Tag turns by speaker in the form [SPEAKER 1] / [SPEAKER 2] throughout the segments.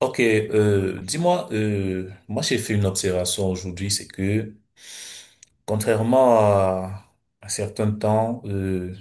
[SPEAKER 1] Ok, dis-moi, moi j'ai fait une observation aujourd'hui, c'est que contrairement à un certain temps, euh,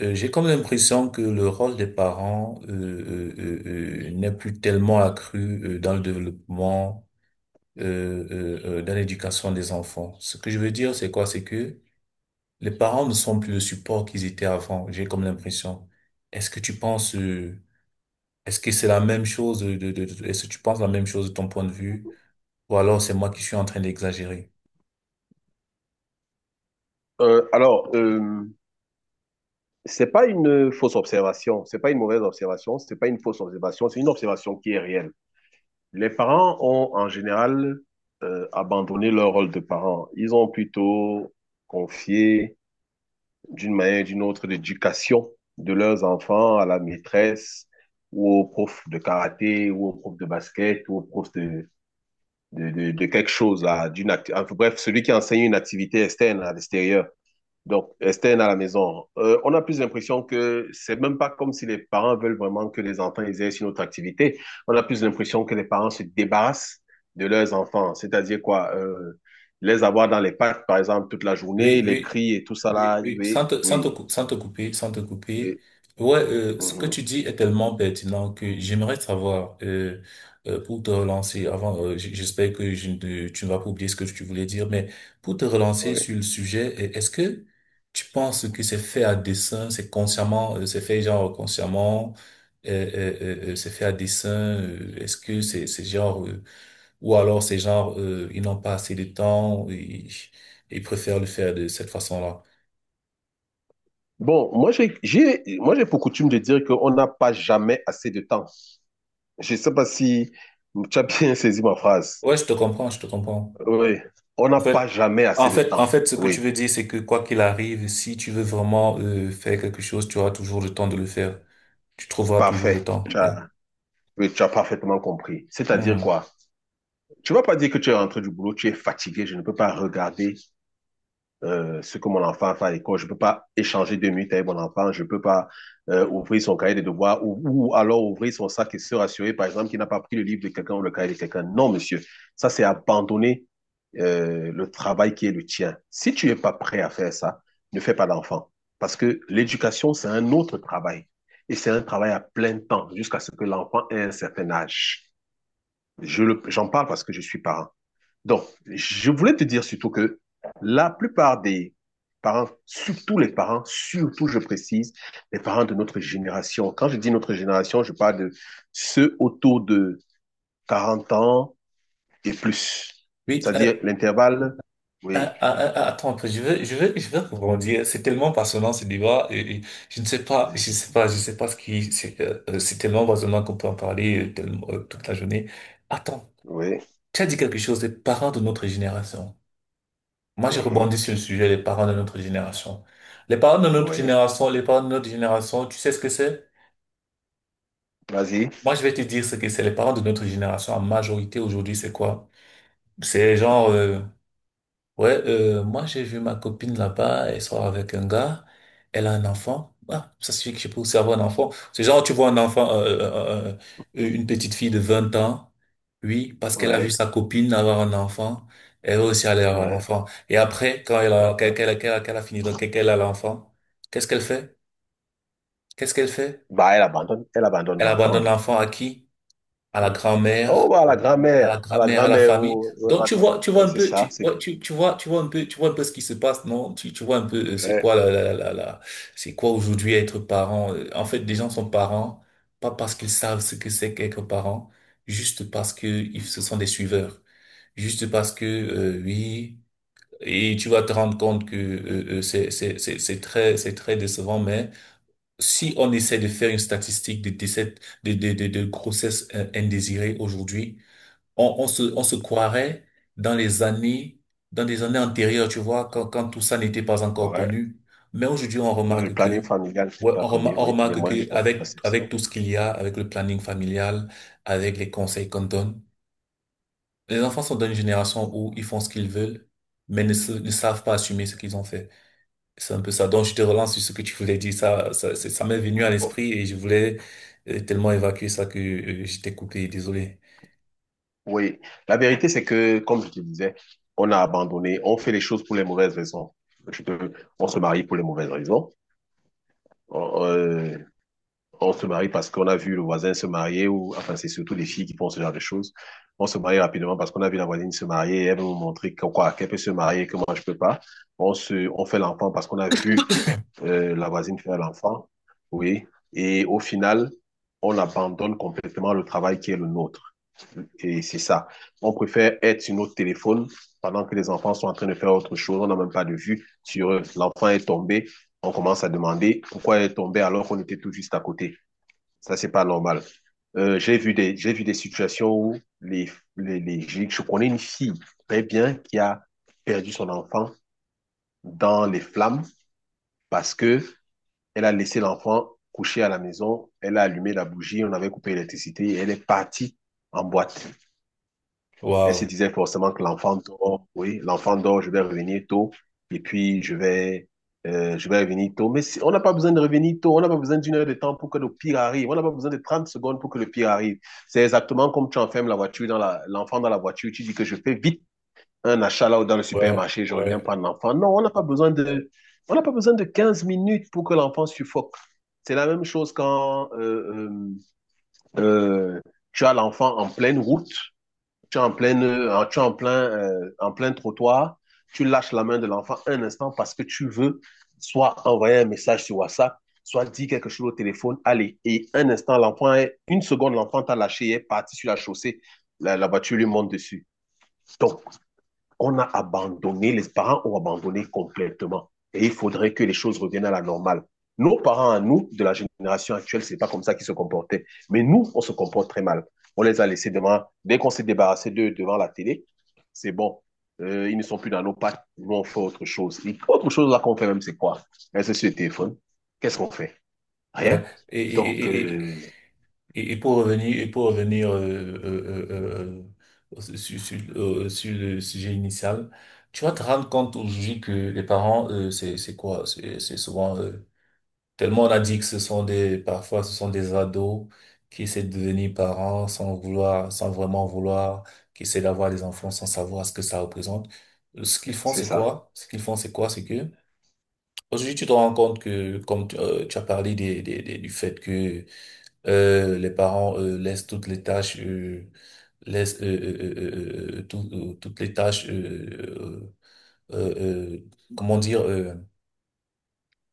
[SPEAKER 1] euh, j'ai comme l'impression que le rôle des parents n'est plus tellement accru dans le développement, euh, dans l'éducation des enfants. Ce que je veux dire, c'est quoi? C'est que les parents ne sont plus le support qu'ils étaient avant, j'ai comme l'impression. Est-ce que tu penses, est-ce que c'est la même chose est-ce que tu penses la même chose de ton point de vue? Ou alors c'est moi qui suis en train d'exagérer.
[SPEAKER 2] Alors, c'est pas une fausse observation, c'est pas une mauvaise observation, c'est pas une fausse observation, c'est une observation qui est réelle. Les parents ont en général abandonné leur rôle de parents. Ils ont plutôt confié d'une manière ou d'une autre l'éducation de leurs enfants à la maîtresse ou au prof de karaté ou au prof de basket ou au prof de quelque chose, là, enfin, bref, celui qui enseigne une activité externe à l'extérieur. Donc, externe à la maison, on a plus l'impression que c'est même pas comme si les parents veulent vraiment que les enfants exercent une autre activité. On a plus l'impression que les parents se débarrassent de leurs enfants. C'est-à-dire quoi? Les avoir dans les parcs, par exemple, toute la
[SPEAKER 1] Oui,
[SPEAKER 2] journée, les
[SPEAKER 1] oui,
[SPEAKER 2] cris et tout ça
[SPEAKER 1] oui,
[SPEAKER 2] là.
[SPEAKER 1] oui,
[SPEAKER 2] Oui, oui,
[SPEAKER 1] sans te couper, sans te couper.
[SPEAKER 2] oui.
[SPEAKER 1] Ouais, ce que
[SPEAKER 2] Mhm,
[SPEAKER 1] tu dis est tellement pertinent que j'aimerais savoir, pour te relancer, avant, j'espère que je ne- tu ne vas pas oublier ce que tu voulais dire, mais pour te relancer
[SPEAKER 2] oui.
[SPEAKER 1] sur le sujet, est-ce que tu penses que c'est fait à dessein, c'est consciemment, c'est fait genre consciemment, euh, euh, c'est fait à dessein, est-ce que c'est genre ou alors c'est genre, ils n'ont pas assez de temps, ils préfèrent le faire de cette façon-là.
[SPEAKER 2] Bon, moi j'ai pour coutume de dire qu'on n'a pas jamais assez de temps. Je ne sais pas si tu as bien saisi ma phrase.
[SPEAKER 1] Ouais, je te comprends, je te comprends.
[SPEAKER 2] Oui, on n'a
[SPEAKER 1] En fait,
[SPEAKER 2] pas jamais
[SPEAKER 1] en
[SPEAKER 2] assez de
[SPEAKER 1] fait,
[SPEAKER 2] temps.
[SPEAKER 1] en fait, ce que tu
[SPEAKER 2] Oui,
[SPEAKER 1] veux dire, c'est que quoi qu'il arrive, si tu veux vraiment faire quelque chose, tu auras toujours le temps de le faire. Tu trouveras toujours le
[SPEAKER 2] parfait.
[SPEAKER 1] temps, ouais.
[SPEAKER 2] Oui, tu as parfaitement compris. C'est-à-dire
[SPEAKER 1] Mhm.
[SPEAKER 2] quoi? Tu vas pas dire que tu es rentré du boulot, tu es fatigué, je ne peux pas regarder ce que mon enfant fait à l'école, je peux pas échanger 2 minutes avec mon enfant, je peux pas ouvrir son cahier de devoirs ou, alors ouvrir son sac et se rassurer, par exemple, qu'il n'a pas pris le livre de quelqu'un ou le cahier de quelqu'un. Non, monsieur, ça c'est abandonner le travail qui est le tien. Si tu n'es pas prêt à faire ça, ne fais pas d'enfant. Parce que l'éducation, c'est un autre travail. Et c'est un travail à plein temps jusqu'à ce que l'enfant ait un certain âge. J'en parle parce que je suis parent. Donc, je voulais te dire surtout que la plupart des parents, surtout les parents, surtout, je précise, les parents de notre génération. Quand je dis notre génération, je parle de ceux autour de 40 ans et plus.
[SPEAKER 1] Oui,
[SPEAKER 2] C'est-à-dire l'intervalle.
[SPEAKER 1] ah,
[SPEAKER 2] Oui,
[SPEAKER 1] ah, ah, ah, attends, un peu, je veux rebondir. C'est tellement passionnant ce débat. Et je sais pas ce qui, c'est tellement passionnant qu'on peut en parler tellement, toute la journée. Attends.
[SPEAKER 2] oui,
[SPEAKER 1] Tu as dit quelque chose des parents de notre génération. Moi, j'ai
[SPEAKER 2] mhm,
[SPEAKER 1] rebondi sur le sujet des parents de notre génération.
[SPEAKER 2] oui.
[SPEAKER 1] Les parents de notre génération, tu sais ce que c'est?
[SPEAKER 2] Vas-y.
[SPEAKER 1] Moi, je vais te dire ce que c'est. Les parents de notre génération, en majorité aujourd'hui, c'est quoi? C'est genre, ouais, moi j'ai vu ma copine là-bas, elle sort avec un gars, elle a un enfant. Ah, ça suffit que je peux aussi avoir un enfant. C'est genre, tu vois un enfant, une petite fille de 20 ans, oui, parce qu'elle a vu
[SPEAKER 2] Oui,
[SPEAKER 1] sa copine avoir un enfant, elle veut aussi aller avoir un
[SPEAKER 2] oui.
[SPEAKER 1] enfant. Et après, quand elle a, qu'elle,
[SPEAKER 2] Mhm.
[SPEAKER 1] qu'elle, qu'elle a qu'elle a fini, donc qu'elle a l'enfant, qu'est-ce qu'elle fait? Qu'est-ce qu'elle fait?
[SPEAKER 2] Bah, elle abandonne
[SPEAKER 1] Elle abandonne
[SPEAKER 2] l'enfant.
[SPEAKER 1] l'enfant à qui? À la
[SPEAKER 2] Oui. Oh,
[SPEAKER 1] grand-mère.
[SPEAKER 2] bah, la
[SPEAKER 1] À la
[SPEAKER 2] grand-mère, à la
[SPEAKER 1] grand-mère, à la
[SPEAKER 2] grand-mère,
[SPEAKER 1] famille.
[SPEAKER 2] oh, oh,
[SPEAKER 1] Donc tu vois un
[SPEAKER 2] c'est
[SPEAKER 1] peu,
[SPEAKER 2] ça,
[SPEAKER 1] tu,
[SPEAKER 2] c'est
[SPEAKER 1] ouais, tu, tu vois un peu, tu vois un peu ce qui se passe, non? Tu vois un peu, c'est quoi la, c'est quoi aujourd'hui être parent? En fait, des gens sont parents, pas parce qu'ils savent ce que c'est qu'être parent, juste parce que ce sont des suiveurs, juste parce que oui. Et tu vas te rendre compte que c'est très c'est très décevant, mais si on essaie de faire une statistique de décès de grossesse indésirée aujourd'hui, on se croirait dans les années, dans des années antérieures, tu vois, quand tout ça n'était pas encore
[SPEAKER 2] Ouais.
[SPEAKER 1] connu. Mais aujourd'hui, on
[SPEAKER 2] Le
[SPEAKER 1] remarque
[SPEAKER 2] planning
[SPEAKER 1] que,
[SPEAKER 2] familial, c'est
[SPEAKER 1] ouais,
[SPEAKER 2] pas connu,
[SPEAKER 1] on
[SPEAKER 2] oui. Les
[SPEAKER 1] remarque
[SPEAKER 2] moyens de
[SPEAKER 1] que avec
[SPEAKER 2] contraception.
[SPEAKER 1] tout ce qu'il y a, avec le planning familial, avec les conseils qu'on donne, les enfants sont dans une génération où ils font ce qu'ils veulent, mais ne savent pas assumer ce qu'ils ont fait. C'est un peu ça. Donc, je te relance sur ce que tu voulais dire. Ça m'est venu à
[SPEAKER 2] Bon,
[SPEAKER 1] l'esprit et je voulais tellement évacuer ça que je t'ai coupé. Désolé.
[SPEAKER 2] oui. La vérité, c'est que, comme je te disais, on a abandonné, on fait les choses pour les mauvaises raisons. Je peux- on se marie pour les mauvaises raisons. On, euh, on se marie parce qu'on a vu le voisin se marier, ou enfin, c'est surtout les filles qui font ce genre de choses. On se marie rapidement parce qu'on a vu la voisine se marier, et elle veut nous montrer quoi, qu'elle peut se marier, que moi je peux pas. On fait l'enfant parce qu'on a vu la voisine fait à l'enfant, oui. Et au final, on abandonne complètement le travail qui est le nôtre. Et c'est ça. On préfère être sur notre téléphone pendant que les enfants sont en train de faire autre chose. On n'a même pas de vue sur eux. L'enfant est tombé. On commence à demander pourquoi il est tombé alors qu'on était tout juste à côté. Ça, c'est pas normal. J'ai vu des situations où je connais une fille très bien qui a perdu son enfant dans les flammes parce que elle a laissé l'enfant couché à la maison. Elle a allumé la bougie. On avait coupé l'électricité, et elle est partie en boîte. Elle se
[SPEAKER 1] Waouh.
[SPEAKER 2] disait forcément que l'enfant dort. Oui, l'enfant dort. Je vais revenir tôt. Et puis, je vais revenir tôt. On n'a pas besoin de revenir tôt. On n'a pas besoin d'1 heure de temps pour que le pire arrive. On n'a pas besoin de 30 secondes pour que le pire arrive. C'est exactement comme tu enfermes la voiture dans l'enfant dans la voiture. Tu dis que je fais vite un achat là ou dans le
[SPEAKER 1] Ouais,
[SPEAKER 2] supermarché. Je reviens
[SPEAKER 1] ouais,
[SPEAKER 2] prendre l'enfant. Non, on n'a pas besoin de, on n'a pas besoin de 15 minutes pour que l'enfant suffoque. C'est la même chose quand euh, euh, tu as l'enfant en pleine route, tu es en, pleine, tu es en plein trottoir, tu lâches la main de l'enfant un instant parce que tu veux soit envoyer un message sur WhatsApp, soit dire quelque chose au téléphone, allez. Et un instant, une seconde, l'enfant t'a lâché, est parti sur la chaussée, la voiture lui monte dessus. Donc, on a abandonné, les parents ont abandonné complètement. Et il faudrait que les choses reviennent à la normale. Nos parents à nous, de la génération actuelle, c'est pas comme ça qu'ils se comportaient. Mais nous, on se comporte très mal. On les a laissés devant, dès qu'on s'est débarrassé d'eux devant la télé, c'est bon. Ils ne sont plus dans nos pattes. Nous, on fait autre chose. Et autre chose là qu'on fait même, c'est quoi? Est-ce sur le téléphone? Qu'est-ce qu'on fait?
[SPEAKER 1] ouais.
[SPEAKER 2] Rien.
[SPEAKER 1] Et,
[SPEAKER 2] Donc,
[SPEAKER 1] et, et, et, pour revenir, et pour revenir sur le sujet initial, tu vas te rendre compte aujourd'hui que les parents, c'est quoi? C'est souvent, tellement on a dit que ce sont des, parfois ce sont des ados qui essaient de devenir parents sans vouloir, sans vraiment vouloir, qui essaient d'avoir des enfants sans savoir ce que ça représente. Ce qu'ils font,
[SPEAKER 2] c'est
[SPEAKER 1] c'est
[SPEAKER 2] ça.
[SPEAKER 1] quoi? Ce qu'ils font, c'est quoi? C'est que, aujourd'hui, tu te rends compte que, tu as parlé du fait que les parents laissent toutes les tâches, laissent tout- toutes les tâches, euh, euh, euh, comment dire, euh,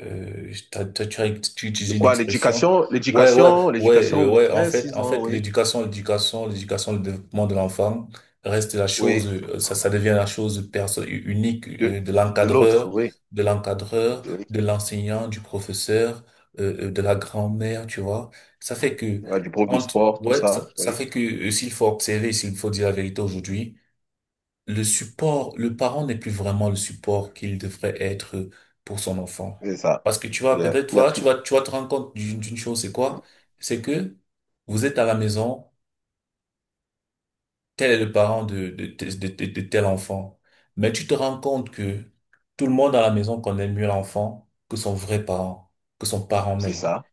[SPEAKER 1] euh, t'as- t'as- tu as tu utilises
[SPEAKER 2] De
[SPEAKER 1] une
[SPEAKER 2] quoi?
[SPEAKER 1] expression.
[SPEAKER 2] L'éducation,
[SPEAKER 1] Ouais, ouais,
[SPEAKER 2] l'éducation,
[SPEAKER 1] ouais,
[SPEAKER 2] l'éducation
[SPEAKER 1] ouais. En
[SPEAKER 2] maîtresse,
[SPEAKER 1] fait,
[SPEAKER 2] ils
[SPEAKER 1] en
[SPEAKER 2] ont,
[SPEAKER 1] fait,
[SPEAKER 2] oui,
[SPEAKER 1] l'éducation, le développement de l'enfant reste la
[SPEAKER 2] oui,
[SPEAKER 1] chose, ça devient la chose unique
[SPEAKER 2] de,
[SPEAKER 1] de
[SPEAKER 2] de l'autre,
[SPEAKER 1] l'encadreur,
[SPEAKER 2] oui.
[SPEAKER 1] de l'encadreur,
[SPEAKER 2] Oui.
[SPEAKER 1] de l'enseignant, du professeur, de la grand-mère, tu vois. Ça fait que,
[SPEAKER 2] Il y a du prof de
[SPEAKER 1] entre-
[SPEAKER 2] sport, tout
[SPEAKER 1] ouais,
[SPEAKER 2] ça,
[SPEAKER 1] ça
[SPEAKER 2] oui,
[SPEAKER 1] fait que s'il faut observer, s'il faut dire la vérité aujourd'hui, le support, le parent n'est plus vraiment le support qu'il devrait être pour son enfant.
[SPEAKER 2] c'est ça.
[SPEAKER 1] Parce que tu vas
[SPEAKER 2] Il y a,
[SPEAKER 1] peut-être,
[SPEAKER 2] il y a
[SPEAKER 1] voilà,
[SPEAKER 2] plus.
[SPEAKER 1] tu vas te rendre compte d'une chose, c'est quoi? C'est que vous êtes à la maison, tel est le parent de tel enfant. Mais tu te rends compte que tout le monde à la maison connaît mieux l'enfant que son vrai parent, que son parent
[SPEAKER 2] C'est
[SPEAKER 1] même.
[SPEAKER 2] ça,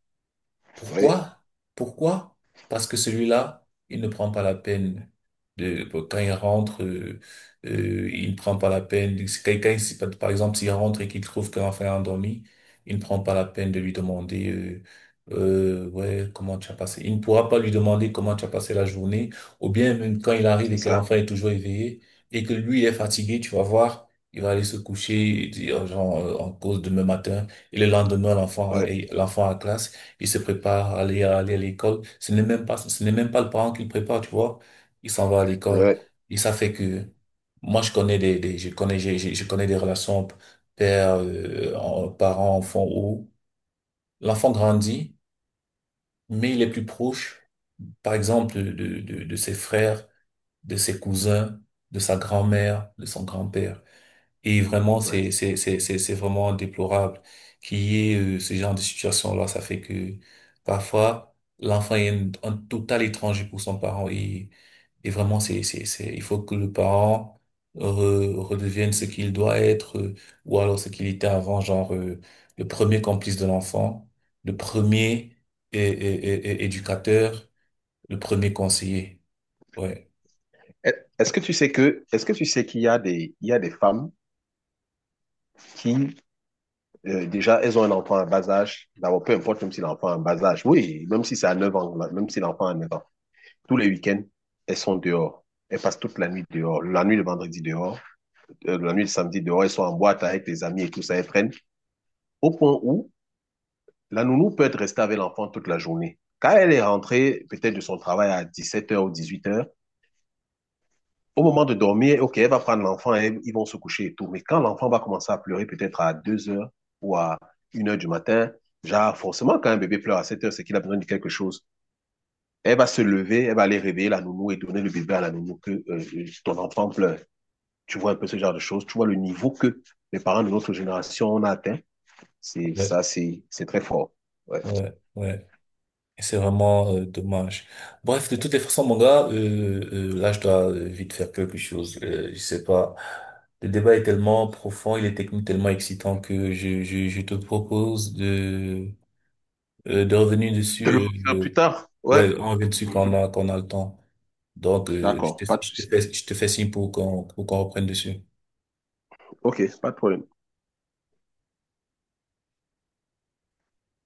[SPEAKER 2] oui,
[SPEAKER 1] Pourquoi? Pourquoi? Parce que celui-là, il ne prend pas la peine de, quand il rentre, il ne prend pas la peine, quelqu'un, par exemple, s'il rentre et qu'il trouve qu'un enfant est endormi, il ne prend pas la peine de lui demander, ouais, comment tu as passé. Il ne pourra pas lui demander comment tu as passé la journée, ou bien même quand il arrive
[SPEAKER 2] c'est
[SPEAKER 1] et que
[SPEAKER 2] ça,
[SPEAKER 1] l'enfant est toujours éveillé et que lui est fatigué, tu vas voir, il va aller se coucher et dire, genre, en cause demain matin, et le lendemain,
[SPEAKER 2] oui,
[SPEAKER 1] l'enfant à classe. Il se prépare à aller à, aller à l'école. Ce n'est même pas le parent qui le prépare, tu vois. Il s'en va à l'école.
[SPEAKER 2] oui,
[SPEAKER 1] Et ça fait que, moi, je connais des relations père, parent, enfant où l'enfant grandit, mais il est plus proche, par exemple, de ses frères, de ses cousins, de sa grand-mère, de son grand-père. Et vraiment,
[SPEAKER 2] ouais.
[SPEAKER 1] c'est vraiment déplorable qu'il y ait ce genre de situation-là. Ça fait que parfois, l'enfant est un total étranger pour son parent. Et vraiment, c'est, il faut que le parent redevienne ce qu'il doit être ou alors ce qu'il était avant, genre le premier complice de l'enfant, le premier éducateur, le premier conseiller. Ouais,
[SPEAKER 2] Est-ce que tu sais qu'il y a des femmes qui, déjà, elles ont un enfant à bas âge, d'abord, peu importe, même si l'enfant a un bas âge, oui, même si c'est à 9 ans, là, même si l'enfant a 9 ans, tous les week-ends, elles sont dehors. Elles passent toute la nuit dehors, la nuit de vendredi dehors, la nuit de samedi dehors, elles sont en boîte avec les amis et tout ça, elles prennent, au point où la nounou peut être restée avec l'enfant toute la journée. Quand elle est rentrée, peut-être de son travail à 17 heures ou 18 heures, au moment de dormir, OK, elle va prendre l'enfant et ils vont se coucher et tout. Mais quand l'enfant va commencer à pleurer peut-être à 2 heures ou à 1 heure du matin, genre forcément quand un bébé pleure à 7 heures, c'est qu'il a besoin de quelque chose. Elle va se lever, elle va aller réveiller la nounou et donner le bébé à la nounou que ton enfant pleure. Tu vois un peu ce genre de choses. Tu vois le niveau que les parents de notre génération ont atteint. C'est
[SPEAKER 1] ouais,
[SPEAKER 2] ça, c'est très fort. Ouais.
[SPEAKER 1] ouais, ouais. Et c'est vraiment dommage. Bref, de toutes les façons, mon gars, là, je dois vite faire quelque chose. Je sais pas. Le débat est tellement profond, il est technique tellement excitant que je te propose de revenir
[SPEAKER 2] De le
[SPEAKER 1] dessus. euh,
[SPEAKER 2] refaire
[SPEAKER 1] euh,
[SPEAKER 2] plus tard? Ouais.
[SPEAKER 1] ouais, on revient dessus
[SPEAKER 2] Mhm.
[SPEAKER 1] quand on a le temps. Donc,
[SPEAKER 2] D'accord, pas de souci.
[SPEAKER 1] je te fais signe pour qu'on reprenne dessus.
[SPEAKER 2] Ok, pas de problème.